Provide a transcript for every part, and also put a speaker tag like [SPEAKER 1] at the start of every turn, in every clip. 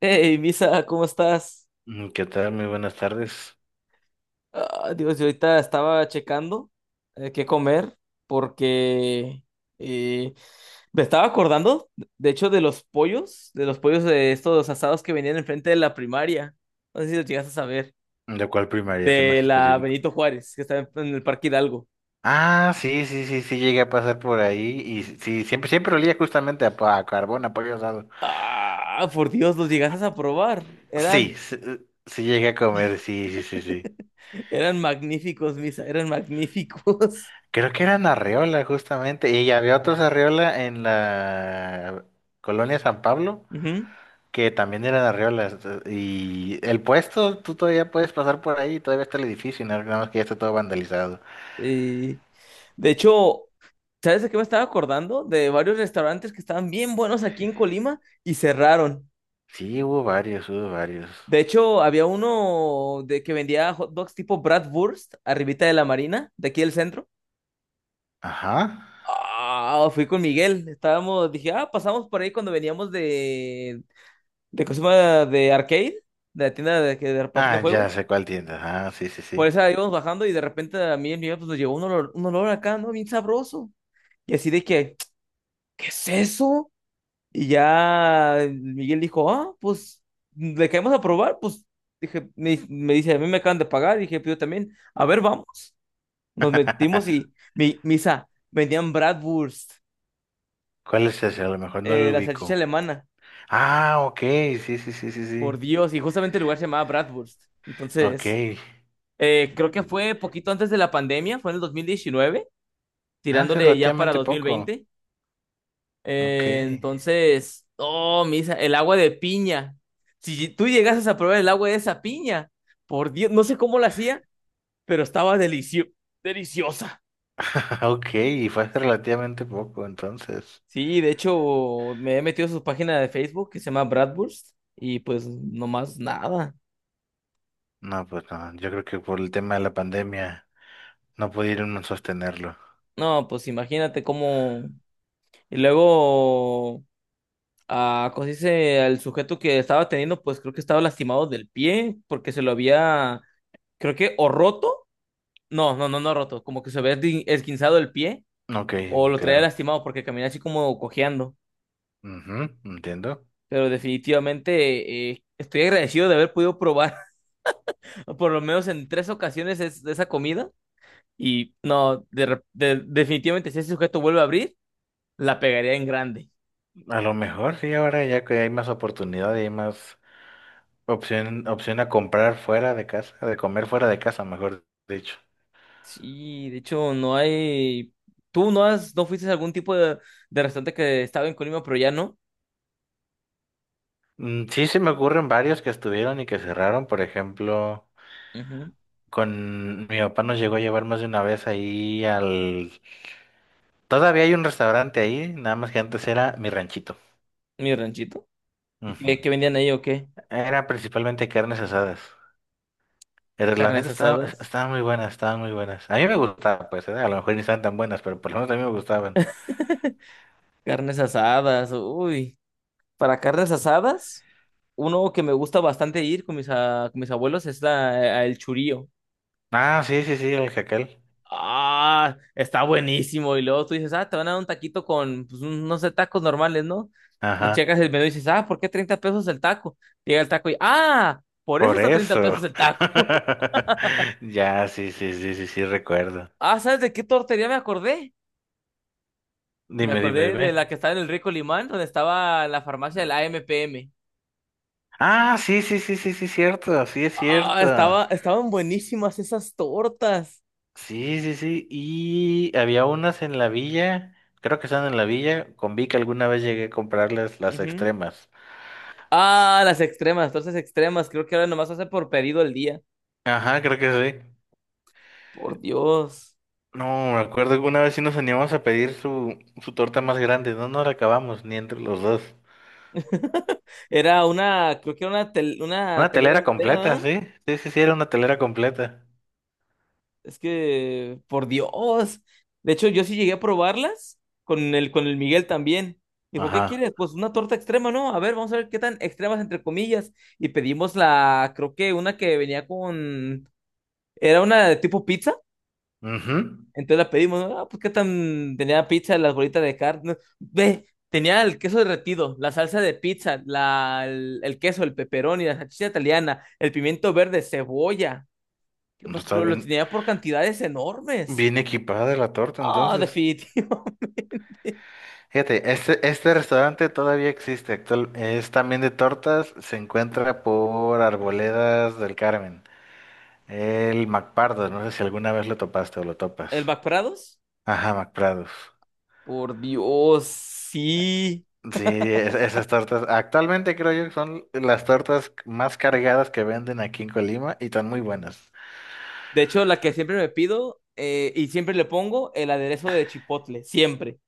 [SPEAKER 1] Hey, Misa, ¿cómo estás?
[SPEAKER 2] ¿Qué tal? Muy buenas tardes.
[SPEAKER 1] Ah, Dios, yo ahorita estaba checando qué comer porque eh, me estaba acordando, de hecho, de los pollos, de estos asados que venían enfrente de la primaria. No sé si lo llegaste a saber,
[SPEAKER 2] ¿De cuál primaria? Sé
[SPEAKER 1] de
[SPEAKER 2] más
[SPEAKER 1] la
[SPEAKER 2] específico.
[SPEAKER 1] Benito Juárez, que está en el Parque Hidalgo.
[SPEAKER 2] Ah, sí, sí, sí, sí, llegué a pasar por ahí y sí, siempre, siempre olía justamente a, a carbón, a pollo asado.
[SPEAKER 1] Ah, por Dios, los llegaste a probar. Eran,
[SPEAKER 2] Sí, sí, sí llegué a comer, sí, sí, sí, sí.
[SPEAKER 1] eran magníficos, Misa, eran magníficos.
[SPEAKER 2] Creo que eran arreola justamente y había otros arreola en la colonia San Pablo que también eran arreolas y el puesto, tú todavía puedes pasar por ahí, todavía está el edificio, nada más que ya está todo vandalizado.
[SPEAKER 1] Ujú. De hecho, ¿sabes de qué me estaba acordando? De varios restaurantes que estaban bien buenos aquí en Colima y cerraron.
[SPEAKER 2] Sí, hubo varios, hubo varios.
[SPEAKER 1] De hecho, había uno de que vendía hot dogs tipo Bratwurst, arribita de la Marina, de aquí del centro.
[SPEAKER 2] Ajá.
[SPEAKER 1] Ah, fui con Miguel. Estábamos, dije, ah, pasamos por ahí cuando veníamos de Cosima de Arcade, de la tienda de, que de reparación de
[SPEAKER 2] Ah, ya
[SPEAKER 1] juegos.
[SPEAKER 2] sé cuál tienda. Ah, sí, sí,
[SPEAKER 1] Por
[SPEAKER 2] sí.
[SPEAKER 1] eso íbamos bajando y de repente a mí en mi pues, nos llegó un olor acá, ¿no? Bien sabroso. Y así de que, ¿qué es eso? Y ya Miguel dijo, ah, pues le caemos a probar, pues dije, me dice, a mí me acaban de pagar, dije, pues, yo también, a ver, vamos. Nos metimos y mi misa, vendían Bratwurst,
[SPEAKER 2] ¿Cuál es ese? A lo mejor no lo
[SPEAKER 1] la salchicha
[SPEAKER 2] ubico.
[SPEAKER 1] alemana,
[SPEAKER 2] Ah, ok, sí, sí, sí, sí,
[SPEAKER 1] por
[SPEAKER 2] sí.
[SPEAKER 1] Dios, y justamente el lugar se llamaba Bratwurst.
[SPEAKER 2] Ok.
[SPEAKER 1] Entonces, creo que fue poquito antes de la pandemia, fue en el 2019
[SPEAKER 2] Ah, hace
[SPEAKER 1] tirándole ya para
[SPEAKER 2] relativamente
[SPEAKER 1] dos mil
[SPEAKER 2] poco.
[SPEAKER 1] veinte
[SPEAKER 2] Ok.
[SPEAKER 1] Entonces, oh, misa, el agua de piña. Si tú llegases a probar el agua de esa piña, por Dios, no sé cómo la hacía, pero estaba deliciosa.
[SPEAKER 2] Ok, y fue hace relativamente poco, entonces.
[SPEAKER 1] Sí, de hecho, me he metido a su página de Facebook que se llama Bradburst y pues nomás nada.
[SPEAKER 2] No, pues no, yo creo que por el tema de la pandemia no pudieron no sostenerlo.
[SPEAKER 1] No, pues imagínate cómo... Y luego, ah, ¿cómo se dice? El sujeto que estaba teniendo, pues creo que estaba lastimado del pie porque se lo había, creo que, o roto. No, no, no, no roto. Como que se había esguinzado el pie
[SPEAKER 2] Ok,
[SPEAKER 1] o lo traía
[SPEAKER 2] claro.
[SPEAKER 1] lastimado porque caminaba así como cojeando.
[SPEAKER 2] Ujú, entiendo.
[SPEAKER 1] Pero definitivamente estoy agradecido de haber podido probar por lo menos en tres ocasiones esa comida. Y no, definitivamente si ese sujeto vuelve a abrir, la pegaría en grande.
[SPEAKER 2] A lo mejor sí, ahora ya que hay más oportunidad y hay más opción, opción a comprar fuera de casa, de comer fuera de casa, mejor dicho.
[SPEAKER 1] Sí, de hecho no hay... ¿Tú no has, no fuiste a algún tipo de restaurante que estaba en Colima, pero ya no?
[SPEAKER 2] Sí, se me ocurren varios que estuvieron y que cerraron. Por ejemplo,
[SPEAKER 1] Ujú.
[SPEAKER 2] con mi papá nos llegó a llevar más de una vez ahí al... Todavía hay un restaurante ahí, nada más que antes era Mi Ranchito.
[SPEAKER 1] Mi ranchito. ¿Qué,
[SPEAKER 2] Ujú.
[SPEAKER 1] qué vendían ahí o qué?
[SPEAKER 2] Era principalmente carnes asadas. Pero la
[SPEAKER 1] Carnes
[SPEAKER 2] neta
[SPEAKER 1] asadas.
[SPEAKER 2] estaban muy buenas, estaban muy buenas. A mí me gustaba, pues, ¿eh? A lo mejor ni estaban tan buenas, pero por lo menos a mí me gustaban.
[SPEAKER 1] Carnes asadas, uy. Para carnes asadas, uno que me gusta bastante ir con mis abuelos es a el churío.
[SPEAKER 2] Ah, sí, sí, sí, el jacal.
[SPEAKER 1] Ah, está buenísimo. Y luego tú dices, ah, te van a dar un taquito con, pues, un- no sé, tacos normales, ¿no? Le
[SPEAKER 2] Ajá,
[SPEAKER 1] Checas el menú y dices, ah, ¿por qué 30 pesos el taco? Llega el taco y, ah, por eso
[SPEAKER 2] por
[SPEAKER 1] está 30
[SPEAKER 2] eso.
[SPEAKER 1] pesos el taco.
[SPEAKER 2] Ya, sí, sí, sí, sí, sí, recuerdo.
[SPEAKER 1] Ah, ¿sabes de qué tortería me acordé? Me
[SPEAKER 2] Dime, dime,
[SPEAKER 1] acordé de la
[SPEAKER 2] dime.
[SPEAKER 1] que estaba en el Rico Limán, donde estaba la farmacia de la AMPM.
[SPEAKER 2] Ah, sí, sí, sí, sí, sí, cierto, sí es
[SPEAKER 1] Ah,
[SPEAKER 2] cierto.
[SPEAKER 1] estaban buenísimas esas tortas.
[SPEAKER 2] Sí, sí, sí. Y había unas en la villa, creo que están en la villa, con Vic alguna vez llegué a comprarles las
[SPEAKER 1] Ujú.
[SPEAKER 2] extremas.
[SPEAKER 1] Ah, las extremas, tortas extremas. Creo que ahora nomás hace por pedido el día.
[SPEAKER 2] Ajá, creo que sí.
[SPEAKER 1] Por Dios.
[SPEAKER 2] No, me acuerdo que una vez sí nos animamos a pedir su, su torta más grande, no nos la acabamos ni entre los dos.
[SPEAKER 1] Era una, creo que era una,
[SPEAKER 2] Una
[SPEAKER 1] una telera
[SPEAKER 2] telera
[SPEAKER 1] entera,
[SPEAKER 2] completa,
[SPEAKER 1] ¿ah?
[SPEAKER 2] sí, sí, sí, sí, era una telera completa.
[SPEAKER 1] Es que, por Dios. De hecho, yo sí llegué a probarlas con el Miguel también. Dijo, ¿qué
[SPEAKER 2] Ajá.
[SPEAKER 1] quieres? Pues una torta extrema, ¿no? A ver, vamos a ver qué tan extremas entre comillas. Y pedimos la, creo que una que venía con, era una de tipo pizza.
[SPEAKER 2] Mhm.
[SPEAKER 1] Entonces la pedimos, ¿no? Ah, pues qué tan tenía pizza, las bolitas de carne. No, Ve, tenía el queso derretido, la salsa de pizza, la, el queso, el pepperoni, la salchicha italiana, el pimiento verde, cebolla. ¿Qué más?
[SPEAKER 2] Está
[SPEAKER 1] Pero lo
[SPEAKER 2] bien,
[SPEAKER 1] tenía por cantidades enormes.
[SPEAKER 2] bien equipada la torta
[SPEAKER 1] Ah,
[SPEAKER 2] entonces.
[SPEAKER 1] definitivo.
[SPEAKER 2] Fíjate, este restaurante todavía existe, actual, es también de tortas, se encuentra por Arboledas del Carmen, el MacPardo, no sé si alguna vez lo topaste o lo topas.
[SPEAKER 1] ¿El McPrados?
[SPEAKER 2] Ajá, MacPrados.
[SPEAKER 1] Por Dios, sí.
[SPEAKER 2] Sí, esas tortas, actualmente creo yo que son las tortas más cargadas que venden aquí en Colima y están muy buenas.
[SPEAKER 1] De hecho, la que siempre me pido y siempre le pongo el aderezo de chipotle, siempre.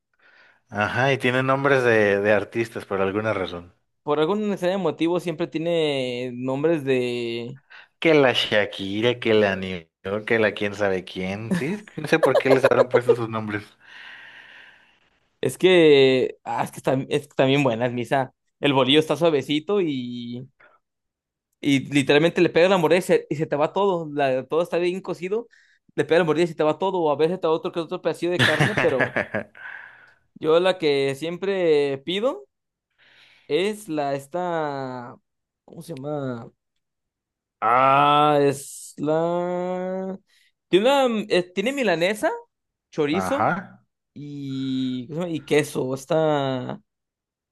[SPEAKER 2] Ajá, y tienen nombres de artistas por alguna razón.
[SPEAKER 1] Por algún extraño motivo siempre tiene nombres de...
[SPEAKER 2] Que la Shakira, que la New York, que la quién sabe quién, sí, no sé por qué les habrán puesto sus nombres.
[SPEAKER 1] Es que, ah, es que están buenas, Misa. El bolillo está suavecito y literalmente le pega la mordida y se te va todo. La- todo está bien cocido, le pega la mordida y se te va todo. O a veces te va otro que otro pedacito de carne, pero yo la que siempre pido es la esta. ¿Cómo se llama? Ah, es la. Tiene una, tiene milanesa, chorizo
[SPEAKER 2] Ajá.
[SPEAKER 1] y, ¿cómo se llama? Y queso. Está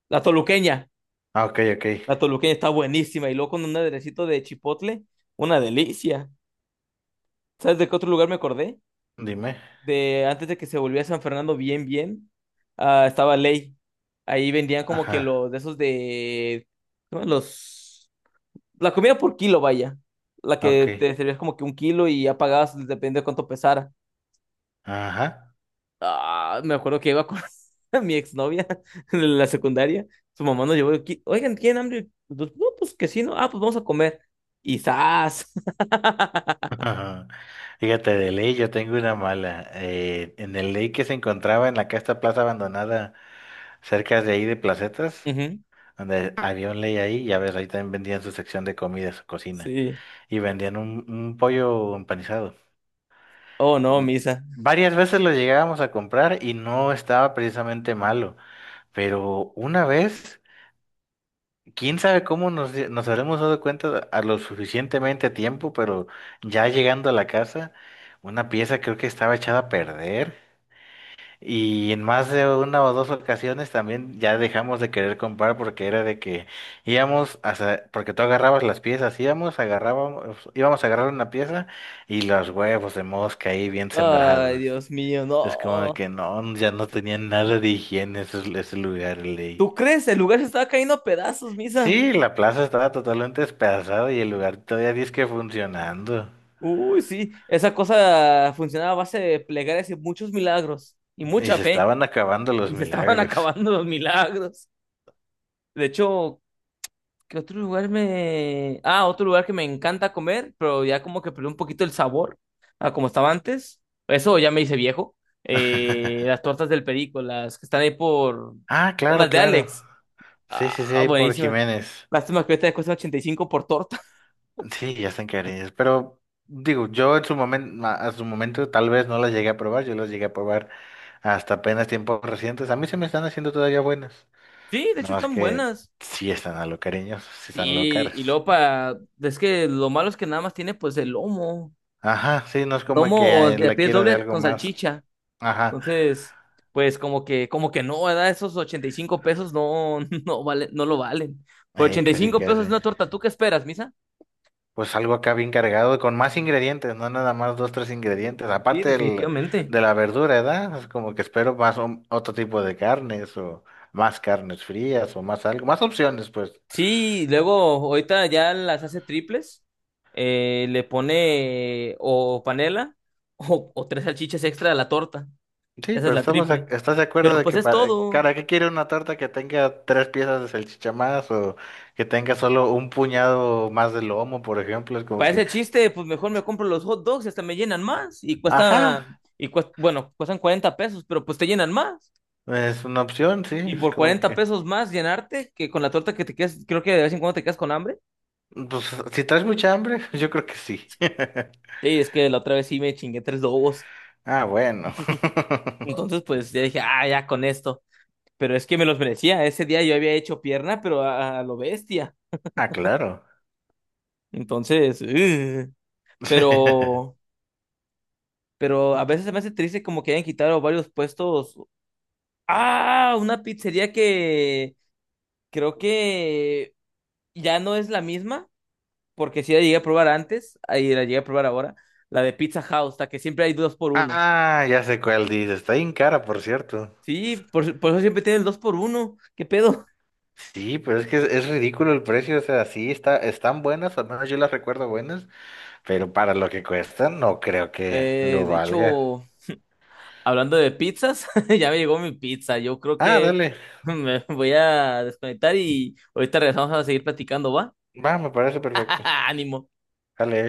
[SPEAKER 1] la toluqueña.
[SPEAKER 2] Ah, ok, ok.
[SPEAKER 1] La toluqueña está buenísima. Y luego con un aderecito de chipotle, una delicia. ¿Sabes de qué otro lugar me acordé?
[SPEAKER 2] Dime.
[SPEAKER 1] De antes de que se volviera San Fernando bien, bien, ah, estaba Ley. Ahí vendían como que
[SPEAKER 2] Ajá.
[SPEAKER 1] los de esos de... ¿cómo? Los... La comida por kilo, vaya. La que
[SPEAKER 2] Ok.
[SPEAKER 1] te servías como que un kilo y ya pagabas, depende de cuánto pesara.
[SPEAKER 2] Ajá.
[SPEAKER 1] Ah, me acuerdo que iba con mi exnovia en la secundaria. Su mamá nos llevó aquí. Oigan, ¿tienen hambre? Pues, no, pues que sí, ¿no? Ah, pues vamos a comer. Y ¡zas!
[SPEAKER 2] Fíjate, de ley yo tengo una mala. En el ley que se encontraba en la que esta plaza abandonada cerca de ahí de Placetas,
[SPEAKER 1] Ujú.
[SPEAKER 2] donde había un ley ahí, ya ves, ahí también vendían su sección de comida, su cocina,
[SPEAKER 1] Sí.
[SPEAKER 2] y vendían un pollo empanizado.
[SPEAKER 1] Oh, no,
[SPEAKER 2] M-
[SPEAKER 1] Misa.
[SPEAKER 2] Varias veces lo llegábamos a comprar y no estaba precisamente malo, pero una vez... Quién sabe cómo nos, nos habremos dado cuenta a lo suficientemente a tiempo, pero ya llegando a la casa, una pieza creo que estaba echada a perder. Y en más de una o dos ocasiones también ya dejamos de querer comprar porque era de que íbamos hasta, porque tú agarrabas las piezas, íbamos, agarrábamos, íbamos a agarrar una pieza y los huevos de mosca ahí bien
[SPEAKER 1] Ay,
[SPEAKER 2] sembrados.
[SPEAKER 1] Dios mío,
[SPEAKER 2] Es como
[SPEAKER 1] no.
[SPEAKER 2] que no, ya no tenían nada de higiene ese, ese lugar, ley.
[SPEAKER 1] ¿Tú crees? El lugar se estaba cayendo a pedazos, Misa.
[SPEAKER 2] Sí, la plaza estaba totalmente despedazada y el lugar todavía disque funcionando.
[SPEAKER 1] Uy, sí. Esa cosa funcionaba a base de plegarias y muchos milagros. Y
[SPEAKER 2] Y
[SPEAKER 1] mucha
[SPEAKER 2] se
[SPEAKER 1] fe.
[SPEAKER 2] estaban acabando los
[SPEAKER 1] Y se estaban
[SPEAKER 2] milagros.
[SPEAKER 1] acabando los milagros. De hecho, ¿qué otro lugar me... Ah, otro lugar que me encanta comer, pero ya como que perdió un poquito el sabor a como estaba antes. Eso ya me hice viejo. Las tortas del Perico, las que están ahí por...
[SPEAKER 2] Ah,
[SPEAKER 1] Son
[SPEAKER 2] claro,
[SPEAKER 1] las de
[SPEAKER 2] claro.
[SPEAKER 1] Alex.
[SPEAKER 2] Sí, sí, sí,
[SPEAKER 1] Ah,
[SPEAKER 2] ahí por
[SPEAKER 1] buenísimas.
[SPEAKER 2] Jiménez.
[SPEAKER 1] Lástima que esta cuesta 85 por torta.
[SPEAKER 2] Sí, ya están cariños. Pero digo, yo en su momento, a su momento tal vez no las llegué a probar, yo las llegué a probar hasta apenas tiempos recientes. A mí se me están haciendo todavía buenas.
[SPEAKER 1] Sí, de hecho
[SPEAKER 2] Nada más
[SPEAKER 1] están
[SPEAKER 2] que
[SPEAKER 1] buenas.
[SPEAKER 2] sí están a lo cariños, sí están a lo
[SPEAKER 1] Sí, y
[SPEAKER 2] caras.
[SPEAKER 1] luego para... Es que lo malo es que nada más tiene pues el lomo.
[SPEAKER 2] Ajá, sí, no es como que
[SPEAKER 1] Lomo
[SPEAKER 2] ay,
[SPEAKER 1] de
[SPEAKER 2] la
[SPEAKER 1] pies
[SPEAKER 2] quiero de
[SPEAKER 1] doble
[SPEAKER 2] algo
[SPEAKER 1] con
[SPEAKER 2] más.
[SPEAKER 1] salchicha.
[SPEAKER 2] Ajá,
[SPEAKER 1] Entonces, pues como que no, ¿verdad? Esos 85 pesos no, no vale, no lo valen. Por
[SPEAKER 2] ahí
[SPEAKER 1] ochenta y
[SPEAKER 2] casi
[SPEAKER 1] cinco
[SPEAKER 2] casi.
[SPEAKER 1] pesos una torta. ¿Tú qué esperas, Misa?
[SPEAKER 2] Pues algo acá bien cargado, con más ingredientes, no nada más dos, tres ingredientes.
[SPEAKER 1] Sí,
[SPEAKER 2] Aparte del,
[SPEAKER 1] definitivamente.
[SPEAKER 2] de la verdura, ¿verdad? Es como que espero más otro tipo de carnes o más carnes frías o más algo, más opciones, pues.
[SPEAKER 1] Sí, luego ahorita ya las hace triples, le pone o panela o tres salchichas extra a la torta,
[SPEAKER 2] Sí,
[SPEAKER 1] esa es
[SPEAKER 2] pero
[SPEAKER 1] la
[SPEAKER 2] estamos, de-
[SPEAKER 1] triple.
[SPEAKER 2] ¿estás de acuerdo
[SPEAKER 1] Pero
[SPEAKER 2] de
[SPEAKER 1] pues
[SPEAKER 2] que
[SPEAKER 1] es
[SPEAKER 2] para,
[SPEAKER 1] todo.
[SPEAKER 2] cara, ¿qué quiere una torta que tenga tres piezas de salchicha más o que tenga solo un puñado más de lomo, por ejemplo? Es como
[SPEAKER 1] Para
[SPEAKER 2] que,
[SPEAKER 1] ese chiste, pues mejor me compro los hot dogs, hasta me llenan más y
[SPEAKER 2] ajá,
[SPEAKER 1] cuestan, y bueno, cuestan 40 pesos, pero pues te llenan más.
[SPEAKER 2] es una opción, sí,
[SPEAKER 1] Y
[SPEAKER 2] es
[SPEAKER 1] por
[SPEAKER 2] como
[SPEAKER 1] cuarenta
[SPEAKER 2] que,
[SPEAKER 1] pesos más llenarte que con la torta que te quedas, creo que de vez en cuando te quedas con hambre.
[SPEAKER 2] pues si traes mucha hambre, yo creo que sí.
[SPEAKER 1] Sí, es que la otra vez sí me chingué tres dogos.
[SPEAKER 2] Ah, bueno.
[SPEAKER 1] Entonces, pues ya dije, ah, ya con esto. Pero es que me los merecía. Ese día yo había hecho pierna, pero a lo bestia.
[SPEAKER 2] Ah, claro.
[SPEAKER 1] Entonces, ugh. pero, pero a veces se me hace triste como que hayan quitado varios puestos. Ah, una pizzería que creo que ya no es la misma, porque sí la llegué a probar antes, ahí la llegué a probar ahora, la de Pizza House, la que siempre hay dos por uno.
[SPEAKER 2] Ah, ya sé cuál dice. Está bien cara, por cierto.
[SPEAKER 1] Sí, por eso siempre tienen el dos por uno. ¿Qué pedo?
[SPEAKER 2] Sí, pero es que es ridículo el precio. O sea, sí, está, están buenas, al menos yo las recuerdo buenas, pero para lo que cuestan, no creo que lo
[SPEAKER 1] De
[SPEAKER 2] valga.
[SPEAKER 1] hecho, hablando de pizzas, ya me llegó mi pizza. Yo creo
[SPEAKER 2] Ah,
[SPEAKER 1] que
[SPEAKER 2] dale.
[SPEAKER 1] me voy a desconectar y ahorita regresamos a seguir platicando, ¿va?
[SPEAKER 2] Va, me parece perfecto.
[SPEAKER 1] Ánimo.
[SPEAKER 2] Dale.